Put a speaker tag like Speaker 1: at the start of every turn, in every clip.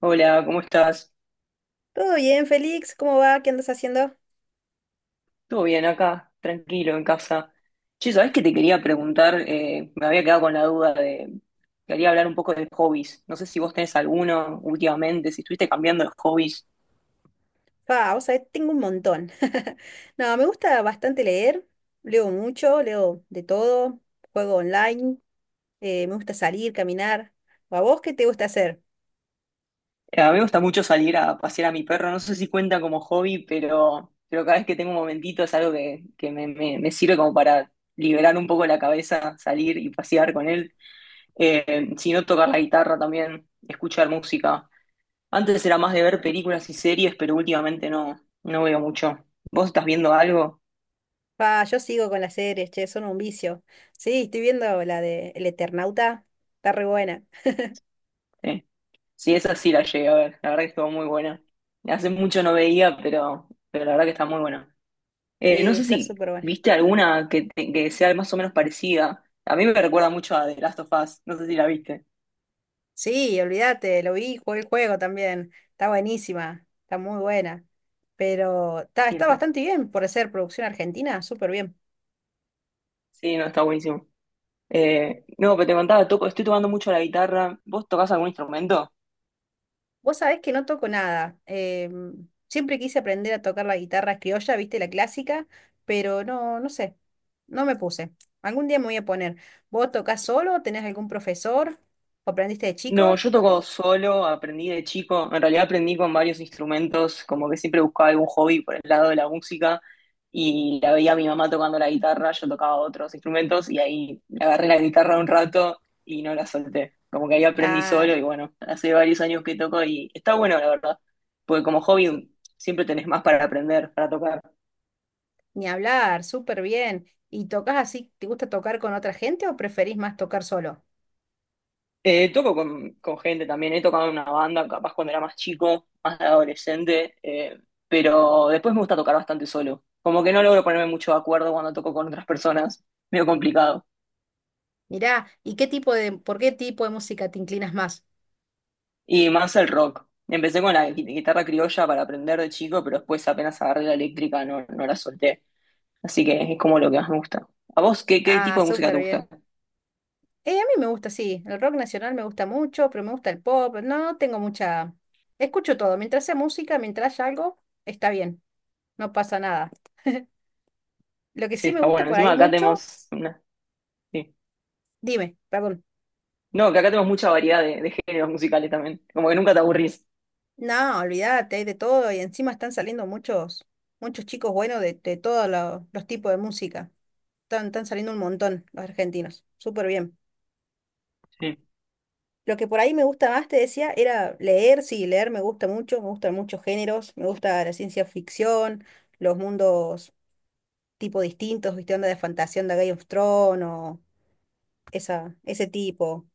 Speaker 1: Hola, ¿cómo estás?
Speaker 2: ¿Todo bien, Félix? ¿Cómo va? ¿Qué andas haciendo?
Speaker 1: ¿Todo bien acá? Tranquilo, en casa. Che, ¿sabés que te quería preguntar? Me había quedado con la duda de... Quería hablar un poco de hobbies. No sé si vos tenés alguno últimamente, si estuviste cambiando los hobbies.
Speaker 2: Ah, vos sabés, tengo un montón. No, me gusta bastante leer. Leo mucho, leo de todo. Juego online. Me gusta salir, caminar. ¿O a vos qué te gusta hacer?
Speaker 1: A mí me gusta mucho salir a pasear a mi perro. No sé si cuenta como hobby, pero cada vez que tengo un momentito es algo me sirve como para liberar un poco la cabeza, salir y pasear con él. Si no, tocar la guitarra también, escuchar música. Antes era más de ver películas y series, pero últimamente no, no veo mucho. ¿Vos estás viendo algo?
Speaker 2: Pa, yo sigo con las series, che, son un vicio. Sí, estoy viendo la de El Eternauta. Está re buena.
Speaker 1: Sí, sí, esa sí la llegué a ver. La verdad que estuvo muy buena. Hace mucho no veía, pero la verdad que está muy buena. No
Speaker 2: Sí,
Speaker 1: sé
Speaker 2: está
Speaker 1: si
Speaker 2: súper buena.
Speaker 1: viste alguna que sea más o menos parecida. A mí me recuerda mucho a The Last of Us. No sé si la viste.
Speaker 2: Sí, olvídate, lo vi, jugué el juego también. Está buenísima, está muy buena. Pero está,
Speaker 1: Sí, el
Speaker 2: está
Speaker 1: ju-
Speaker 2: bastante bien por ser producción argentina, súper bien.
Speaker 1: sí, no, está buenísimo. No, pero te contaba, toco, estoy tocando mucho la guitarra. ¿Vos tocás algún instrumento?
Speaker 2: Vos sabés que no toco nada. Siempre quise aprender a tocar la guitarra criolla, viste, la clásica, pero no, no sé, no me puse. Algún día me voy a poner. ¿Vos tocás solo? ¿Tenés algún profesor? ¿O aprendiste de
Speaker 1: No,
Speaker 2: chico?
Speaker 1: yo toco solo, aprendí de chico, en realidad aprendí con varios instrumentos, como que siempre buscaba algún hobby por el lado de la música y la veía a mi mamá tocando la guitarra, yo tocaba otros instrumentos y ahí le agarré la guitarra un rato y no la solté, como que ahí aprendí solo
Speaker 2: Ah,
Speaker 1: y bueno, hace varios años que toco y está bueno la verdad, porque como
Speaker 2: su-
Speaker 1: hobby siempre tenés más para aprender, para tocar.
Speaker 2: ni hablar, súper bien. ¿Y tocas así? ¿Te gusta tocar con otra gente o preferís más tocar solo?
Speaker 1: Toco con gente también, he tocado en una banda, capaz cuando era más chico, más adolescente, pero después me gusta tocar bastante solo. Como que no logro ponerme mucho de acuerdo cuando toco con otras personas, medio complicado.
Speaker 2: Mirá, ¿y qué tipo de, por qué tipo de música te inclinas más?
Speaker 1: Y más el rock. Empecé con la guitarra criolla para aprender de chico, pero después apenas agarré la eléctrica no, no la solté. Así que es como lo que más me gusta. ¿A vos qué, qué tipo
Speaker 2: Ah,
Speaker 1: de música
Speaker 2: súper
Speaker 1: te gusta?
Speaker 2: bien. A mí me gusta, sí, el rock nacional me gusta mucho, pero me gusta el pop, no tengo mucha... Escucho todo, mientras sea música, mientras haya algo, está bien, no pasa nada. Lo que
Speaker 1: Sí,
Speaker 2: sí me
Speaker 1: está
Speaker 2: gusta
Speaker 1: bueno.
Speaker 2: por
Speaker 1: Encima
Speaker 2: ahí
Speaker 1: acá
Speaker 2: mucho,
Speaker 1: tenemos una... sí.
Speaker 2: dime, perdón.
Speaker 1: No, que acá tenemos mucha variedad de géneros musicales también. Como que nunca te aburrís.
Speaker 2: No, olvídate, hay de todo y encima están saliendo muchos, muchos chicos buenos de todos los tipos de música. Están saliendo un montón los argentinos, súper bien.
Speaker 1: Sí.
Speaker 2: Lo que por ahí me gusta más, te decía, era leer, sí, leer me gusta mucho, me gustan muchos géneros, me gusta la ciencia ficción, los mundos tipo distintos, viste, onda de fantasía, onda Game of Thrones, o esa, ese tipo.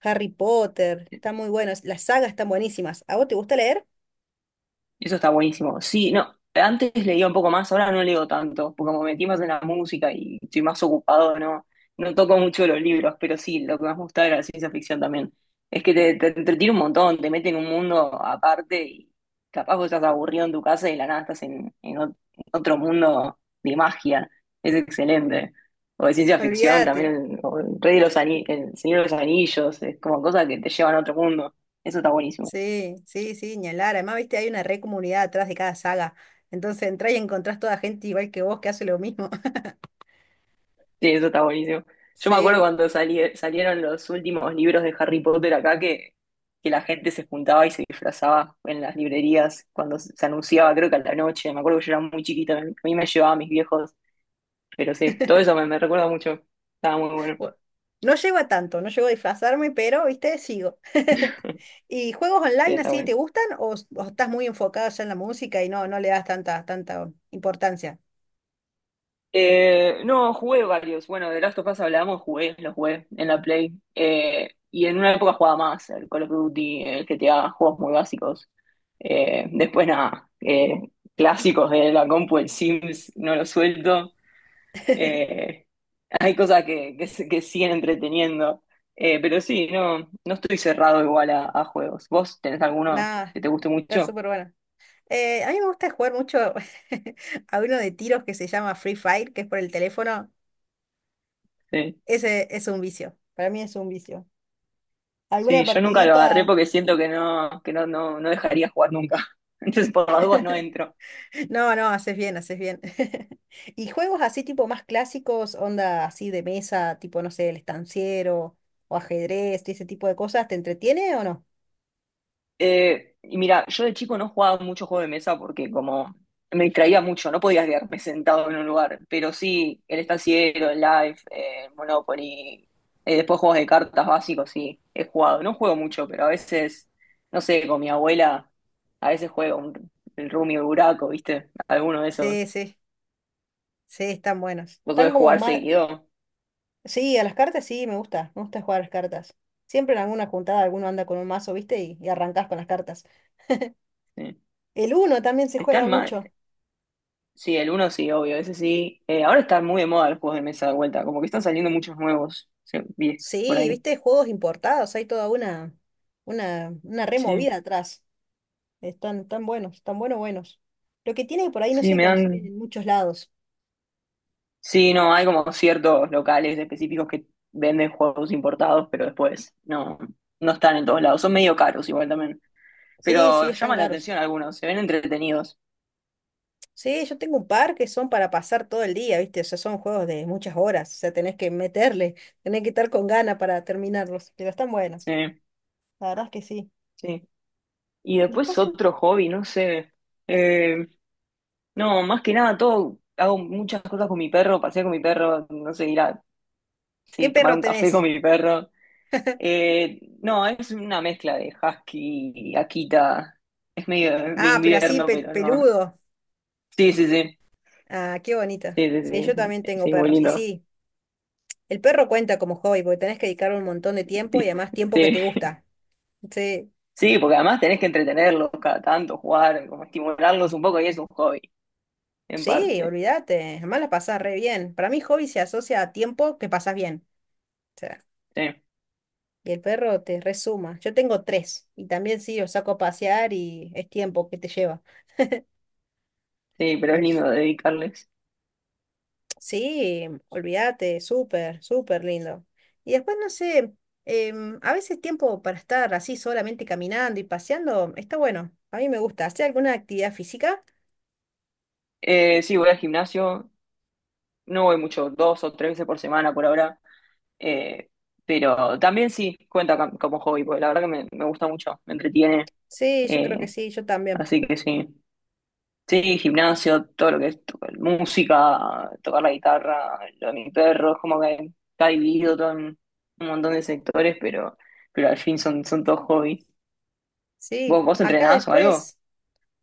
Speaker 2: Harry Potter, está muy bueno, las sagas están buenísimas. ¿A vos te gusta leer?
Speaker 1: Eso está buenísimo. Sí, no, antes leía un poco más, ahora no leo tanto, porque como me metí más en la música y estoy más ocupado, no, no toco mucho los libros, pero sí, lo que más me gusta era la ciencia ficción también. Es que te entretiene un montón, te mete en un mundo aparte y capaz vos estás aburrido en tu casa y de la nada estás en otro mundo de magia. Es excelente. O de ciencia ficción
Speaker 2: Olvídate.
Speaker 1: también, el, o el Rey de los Ani- el Señor de los Anillos, es como cosas que te llevan a otro mundo. Eso está buenísimo.
Speaker 2: Sí, sí, sí, ni hablar. Además, viste, hay una re comunidad atrás de cada saga. Entonces entrás y encontrás toda gente igual que vos que hace lo mismo.
Speaker 1: Sí, eso está buenísimo. Yo me acuerdo
Speaker 2: Sí.
Speaker 1: cuando salieron los últimos libros de Harry Potter acá que la gente se juntaba y se disfrazaba en las librerías cuando se anunciaba, creo que a la noche. Me acuerdo que yo era muy chiquita, a mí me llevaban mis viejos, pero sí, todo eso me, me recuerda mucho. Estaba muy bueno.
Speaker 2: Bu- No llego a tanto, no llego a disfrazarme, pero, viste, sigo. ¿Y juegos
Speaker 1: Sí,
Speaker 2: online
Speaker 1: está
Speaker 2: así
Speaker 1: bueno.
Speaker 2: te gustan o, o estás muy enfocado ya en la música y no, no le das tanta, tanta importancia?
Speaker 1: No, jugué varios. Bueno, de Last of Us hablamos, jugué, los jugué en la Play. Y en una época jugaba más, el Call of Duty, el GTA, juegos muy básicos. Después nada, clásicos de la compu, el Sims, no lo suelto. Eh, Hay cosas que siguen entreteniendo. Pero sí, no, no estoy cerrado igual a juegos. ¿Vos tenés alguno
Speaker 2: Nada,
Speaker 1: que te guste
Speaker 2: está
Speaker 1: mucho?
Speaker 2: súper bueno. A mí me gusta jugar mucho a uno de tiros que se llama Free Fire, que es por el teléfono.
Speaker 1: Sí.
Speaker 2: Ese es un vicio. Para mí es un vicio. ¿Alguna
Speaker 1: Sí, yo nunca lo agarré
Speaker 2: partidita?
Speaker 1: porque siento que no, no, no dejaría jugar nunca. Entonces, por las dudas no entro.
Speaker 2: No, no, haces bien, haces bien. ¿Y juegos así tipo más clásicos, onda así de mesa, tipo, no sé, el estanciero o ajedrez, y ese tipo de cosas, ¿te entretiene o no?
Speaker 1: Y mira, yo de chico no jugaba mucho juego de mesa porque como me distraía mucho, no podía quedarme sentado en un lugar. Pero sí, el estanciero, el Life, el Monopoly, después juegos de cartas básicos, sí, he jugado. No juego mucho, pero a veces, no sé, con mi abuela, a veces juego un, el Rummy o el Buraco, ¿viste? Alguno de esos.
Speaker 2: Sí, sí, sí, están buenos.
Speaker 1: Vos
Speaker 2: Están
Speaker 1: podés
Speaker 2: como
Speaker 1: jugar
Speaker 2: más...
Speaker 1: seguido.
Speaker 2: Sí, a las cartas sí, me gusta jugar a las cartas. Siempre en alguna juntada alguno anda con un mazo, ¿viste? Y arrancás con las cartas.
Speaker 1: Sí.
Speaker 2: El uno también se juega
Speaker 1: Están mal,
Speaker 2: mucho.
Speaker 1: sí, el uno sí, obvio, ese sí. Ahora están muy de moda los juegos de mesa de vuelta, como que están saliendo muchos nuevos, sí, vi por
Speaker 2: Sí,
Speaker 1: ahí.
Speaker 2: viste, juegos importados, hay toda una
Speaker 1: Sí,
Speaker 2: removida atrás. Están tan buenos, buenos. Lo que tiene que por ahí no
Speaker 1: sí,
Speaker 2: se
Speaker 1: me
Speaker 2: consiguen
Speaker 1: dan...
Speaker 2: en muchos lados.
Speaker 1: Sí, no, hay como ciertos locales específicos que venden juegos importados, pero después no, no están en todos lados. Son medio caros igual también,
Speaker 2: Sí, sí,
Speaker 1: pero
Speaker 2: están
Speaker 1: llaman la
Speaker 2: caros.
Speaker 1: atención algunos, se ven entretenidos.
Speaker 2: Sí, yo tengo un par que son para pasar todo el día, viste, o sea, son juegos de muchas horas, o sea, tenés que meterle, tenés que estar con ganas para terminarlos, pero están buenos.
Speaker 1: Sí,
Speaker 2: La verdad es que sí.
Speaker 1: sí. Y después
Speaker 2: Después no.
Speaker 1: otro hobby, no sé. Eh, no, más que nada, todo, hago muchas cosas con mi perro, paseo con mi perro, no sé, ir a
Speaker 2: ¿Qué
Speaker 1: sí, tomar
Speaker 2: perro
Speaker 1: un café con
Speaker 2: tenés?
Speaker 1: mi perro. No, es una mezcla de husky y Akita. Es medio de
Speaker 2: Ah, pero así
Speaker 1: invierno, pero no.
Speaker 2: peludo.
Speaker 1: Sí, sí, sí.
Speaker 2: Ah, qué bonito.
Speaker 1: Sí, sí,
Speaker 2: Sí,
Speaker 1: sí.
Speaker 2: yo también tengo
Speaker 1: Sí, muy
Speaker 2: perros. Y
Speaker 1: lindo.
Speaker 2: sí, el perro cuenta como hobby porque tenés que dedicarle un montón de tiempo y
Speaker 1: ¿Viste?
Speaker 2: además tiempo que
Speaker 1: Sí.
Speaker 2: te gusta. Sí,
Speaker 1: Sí, porque además tenés que entretenerlos cada tanto, jugar, como estimularlos un poco y es un hobby, en
Speaker 2: sí,
Speaker 1: parte.
Speaker 2: olvídate. Además la pasás re bien. Para mí hobby se asocia a tiempo que pasás bien. O sea,
Speaker 1: Sí,
Speaker 2: y el perro te resuma. Yo tengo tres y también sí, los saco a pasear y es tiempo que te lleva.
Speaker 1: sí, pero es
Speaker 2: Los...
Speaker 1: lindo dedicarles.
Speaker 2: Sí, olvídate, súper, súper lindo. Y después, no sé, a veces tiempo para estar así solamente caminando y paseando está bueno. A mí me gusta. ¿Hacer alguna actividad física?
Speaker 1: Sí, voy al gimnasio. No voy mucho, dos o tres veces por semana por ahora. eh, pero también sí cuenta como hobby, porque la verdad que me gusta mucho, me entretiene.
Speaker 2: Sí, yo creo que
Speaker 1: eh,
Speaker 2: sí, yo también.
Speaker 1: Así que sí. Sí, gimnasio, todo lo que es música, tocar la guitarra, lo de mi perro, es como que está dividido todo en un montón de sectores, pero al fin son, son todos hobbies.
Speaker 2: Sí,
Speaker 1: ¿Vos
Speaker 2: acá
Speaker 1: entrenás o algo?
Speaker 2: después,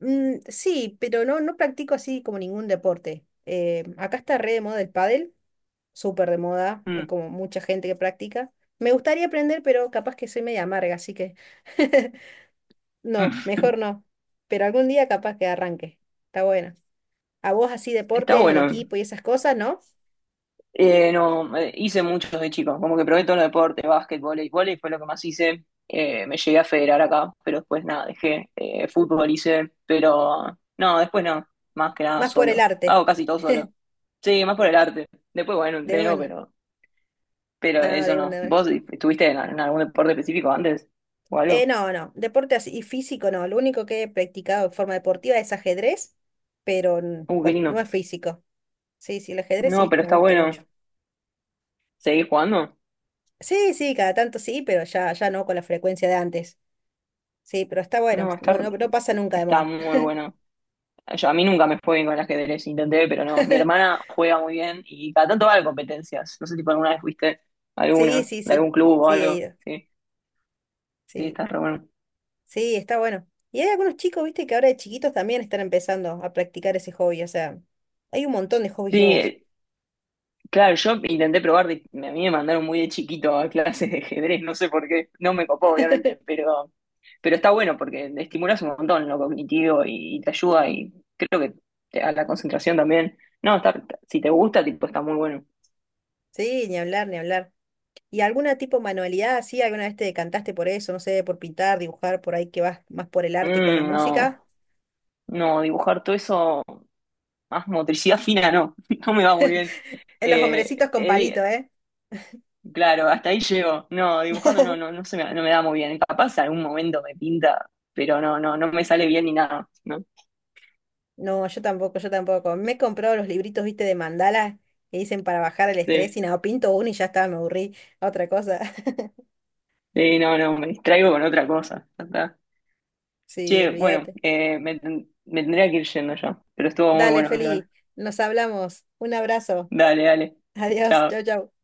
Speaker 2: mm, sí, pero no, no practico así como ningún deporte. Acá está re de moda el pádel, súper de moda, es
Speaker 1: Mm.
Speaker 2: como mucha gente que practica. Me gustaría aprender, pero capaz que soy media amarga, así que no, mejor no. Pero algún día capaz que arranque. Está bueno. A vos así
Speaker 1: Está
Speaker 2: deportes en
Speaker 1: bueno.
Speaker 2: equipo y esas cosas, ¿no?
Speaker 1: No, hice muchos de chicos, como que probé todos los deportes, básquet, vóley fue lo que más hice. Me llegué a federar acá, pero después nada, dejé. Fútbol hice, pero no, después no, más que nada
Speaker 2: Más por el
Speaker 1: solo.
Speaker 2: arte.
Speaker 1: Hago casi todo solo. Sí, más por el arte. Después, bueno,
Speaker 2: De
Speaker 1: entreno,
Speaker 2: una.
Speaker 1: pero
Speaker 2: Nada,
Speaker 1: eso
Speaker 2: de una,
Speaker 1: no.
Speaker 2: de una.
Speaker 1: ¿Vos estuviste en algún deporte específico antes? ¿O algo?
Speaker 2: No, no, deporte así, y físico no. Lo único que he practicado en forma deportiva es ajedrez, pero
Speaker 1: Qué
Speaker 2: bueno, no
Speaker 1: lindo.
Speaker 2: es físico. Sí, sí, el ajedrez
Speaker 1: No,
Speaker 2: sí,
Speaker 1: pero
Speaker 2: me
Speaker 1: está
Speaker 2: gusta mucho.
Speaker 1: bueno. ¿Seguís jugando?
Speaker 2: Sí, sí, cada tanto sí, pero ya, ya no con la frecuencia de antes. Sí, pero está bueno,
Speaker 1: No,
Speaker 2: no,
Speaker 1: está,
Speaker 2: no, no pasa nunca de
Speaker 1: está
Speaker 2: moda.
Speaker 1: muy bueno. Yo, a mí nunca me fue bien con el ajedrez, intenté, pero no. Mi hermana juega muy bien y cada tanto va a competencias. No sé si por alguna vez fuiste a
Speaker 2: Sí,
Speaker 1: alguna,
Speaker 2: sí,
Speaker 1: de
Speaker 2: sí,
Speaker 1: algún club o
Speaker 2: sí, he
Speaker 1: algo.
Speaker 2: ido.
Speaker 1: Sí, sí,
Speaker 2: Sí,
Speaker 1: está re bueno.
Speaker 2: sí, está bueno. Y hay algunos chicos, viste, que ahora de chiquitos también están empezando a practicar ese hobby. O sea, hay un montón de hobbies
Speaker 1: Sí,
Speaker 2: nuevos.
Speaker 1: claro, yo intenté probar, a mí me mandaron muy de chiquito a clases de ajedrez, no sé por qué. No me copó, obviamente, pero está bueno porque te estimulas un montón lo cognitivo y te ayuda y creo que a la concentración también. No, está, si te gusta, tipo, está muy bueno.
Speaker 2: Sí, ni hablar, ni hablar. ¿Y alguna tipo manualidad así? ¿Alguna vez te decantaste por eso? No sé, por pintar, dibujar, por ahí que vas más por el arte con la
Speaker 1: Mm, no,
Speaker 2: música.
Speaker 1: no, dibujar todo eso, más motricidad fina, no, no me va muy bien.
Speaker 2: En los
Speaker 1: Eh,
Speaker 2: hombrecitos con
Speaker 1: eh,
Speaker 2: palito,
Speaker 1: di-
Speaker 2: ¿eh?
Speaker 1: claro, hasta ahí llego. No, dibujando no, no, no se me, no me da muy bien. Capaz algún momento me pinta, pero no, no, no me sale bien ni nada, ¿no?
Speaker 2: No, yo tampoco, yo tampoco. Me he comprado los libritos, viste, de mandala que dicen para bajar el estrés
Speaker 1: Sí,
Speaker 2: y nada, pinto uno y ya está, me aburrí. Otra cosa.
Speaker 1: sí, no, no, me distraigo con otra cosa. Ya está.
Speaker 2: Sí,
Speaker 1: Che, bueno,
Speaker 2: olvídate.
Speaker 1: me tendría que ir yendo ya, pero estuvo muy
Speaker 2: Dale,
Speaker 1: bueno, hablar.
Speaker 2: Feli, nos hablamos. Un abrazo.
Speaker 1: Dale, dale.
Speaker 2: Adiós, chau,
Speaker 1: Chao.
Speaker 2: chau.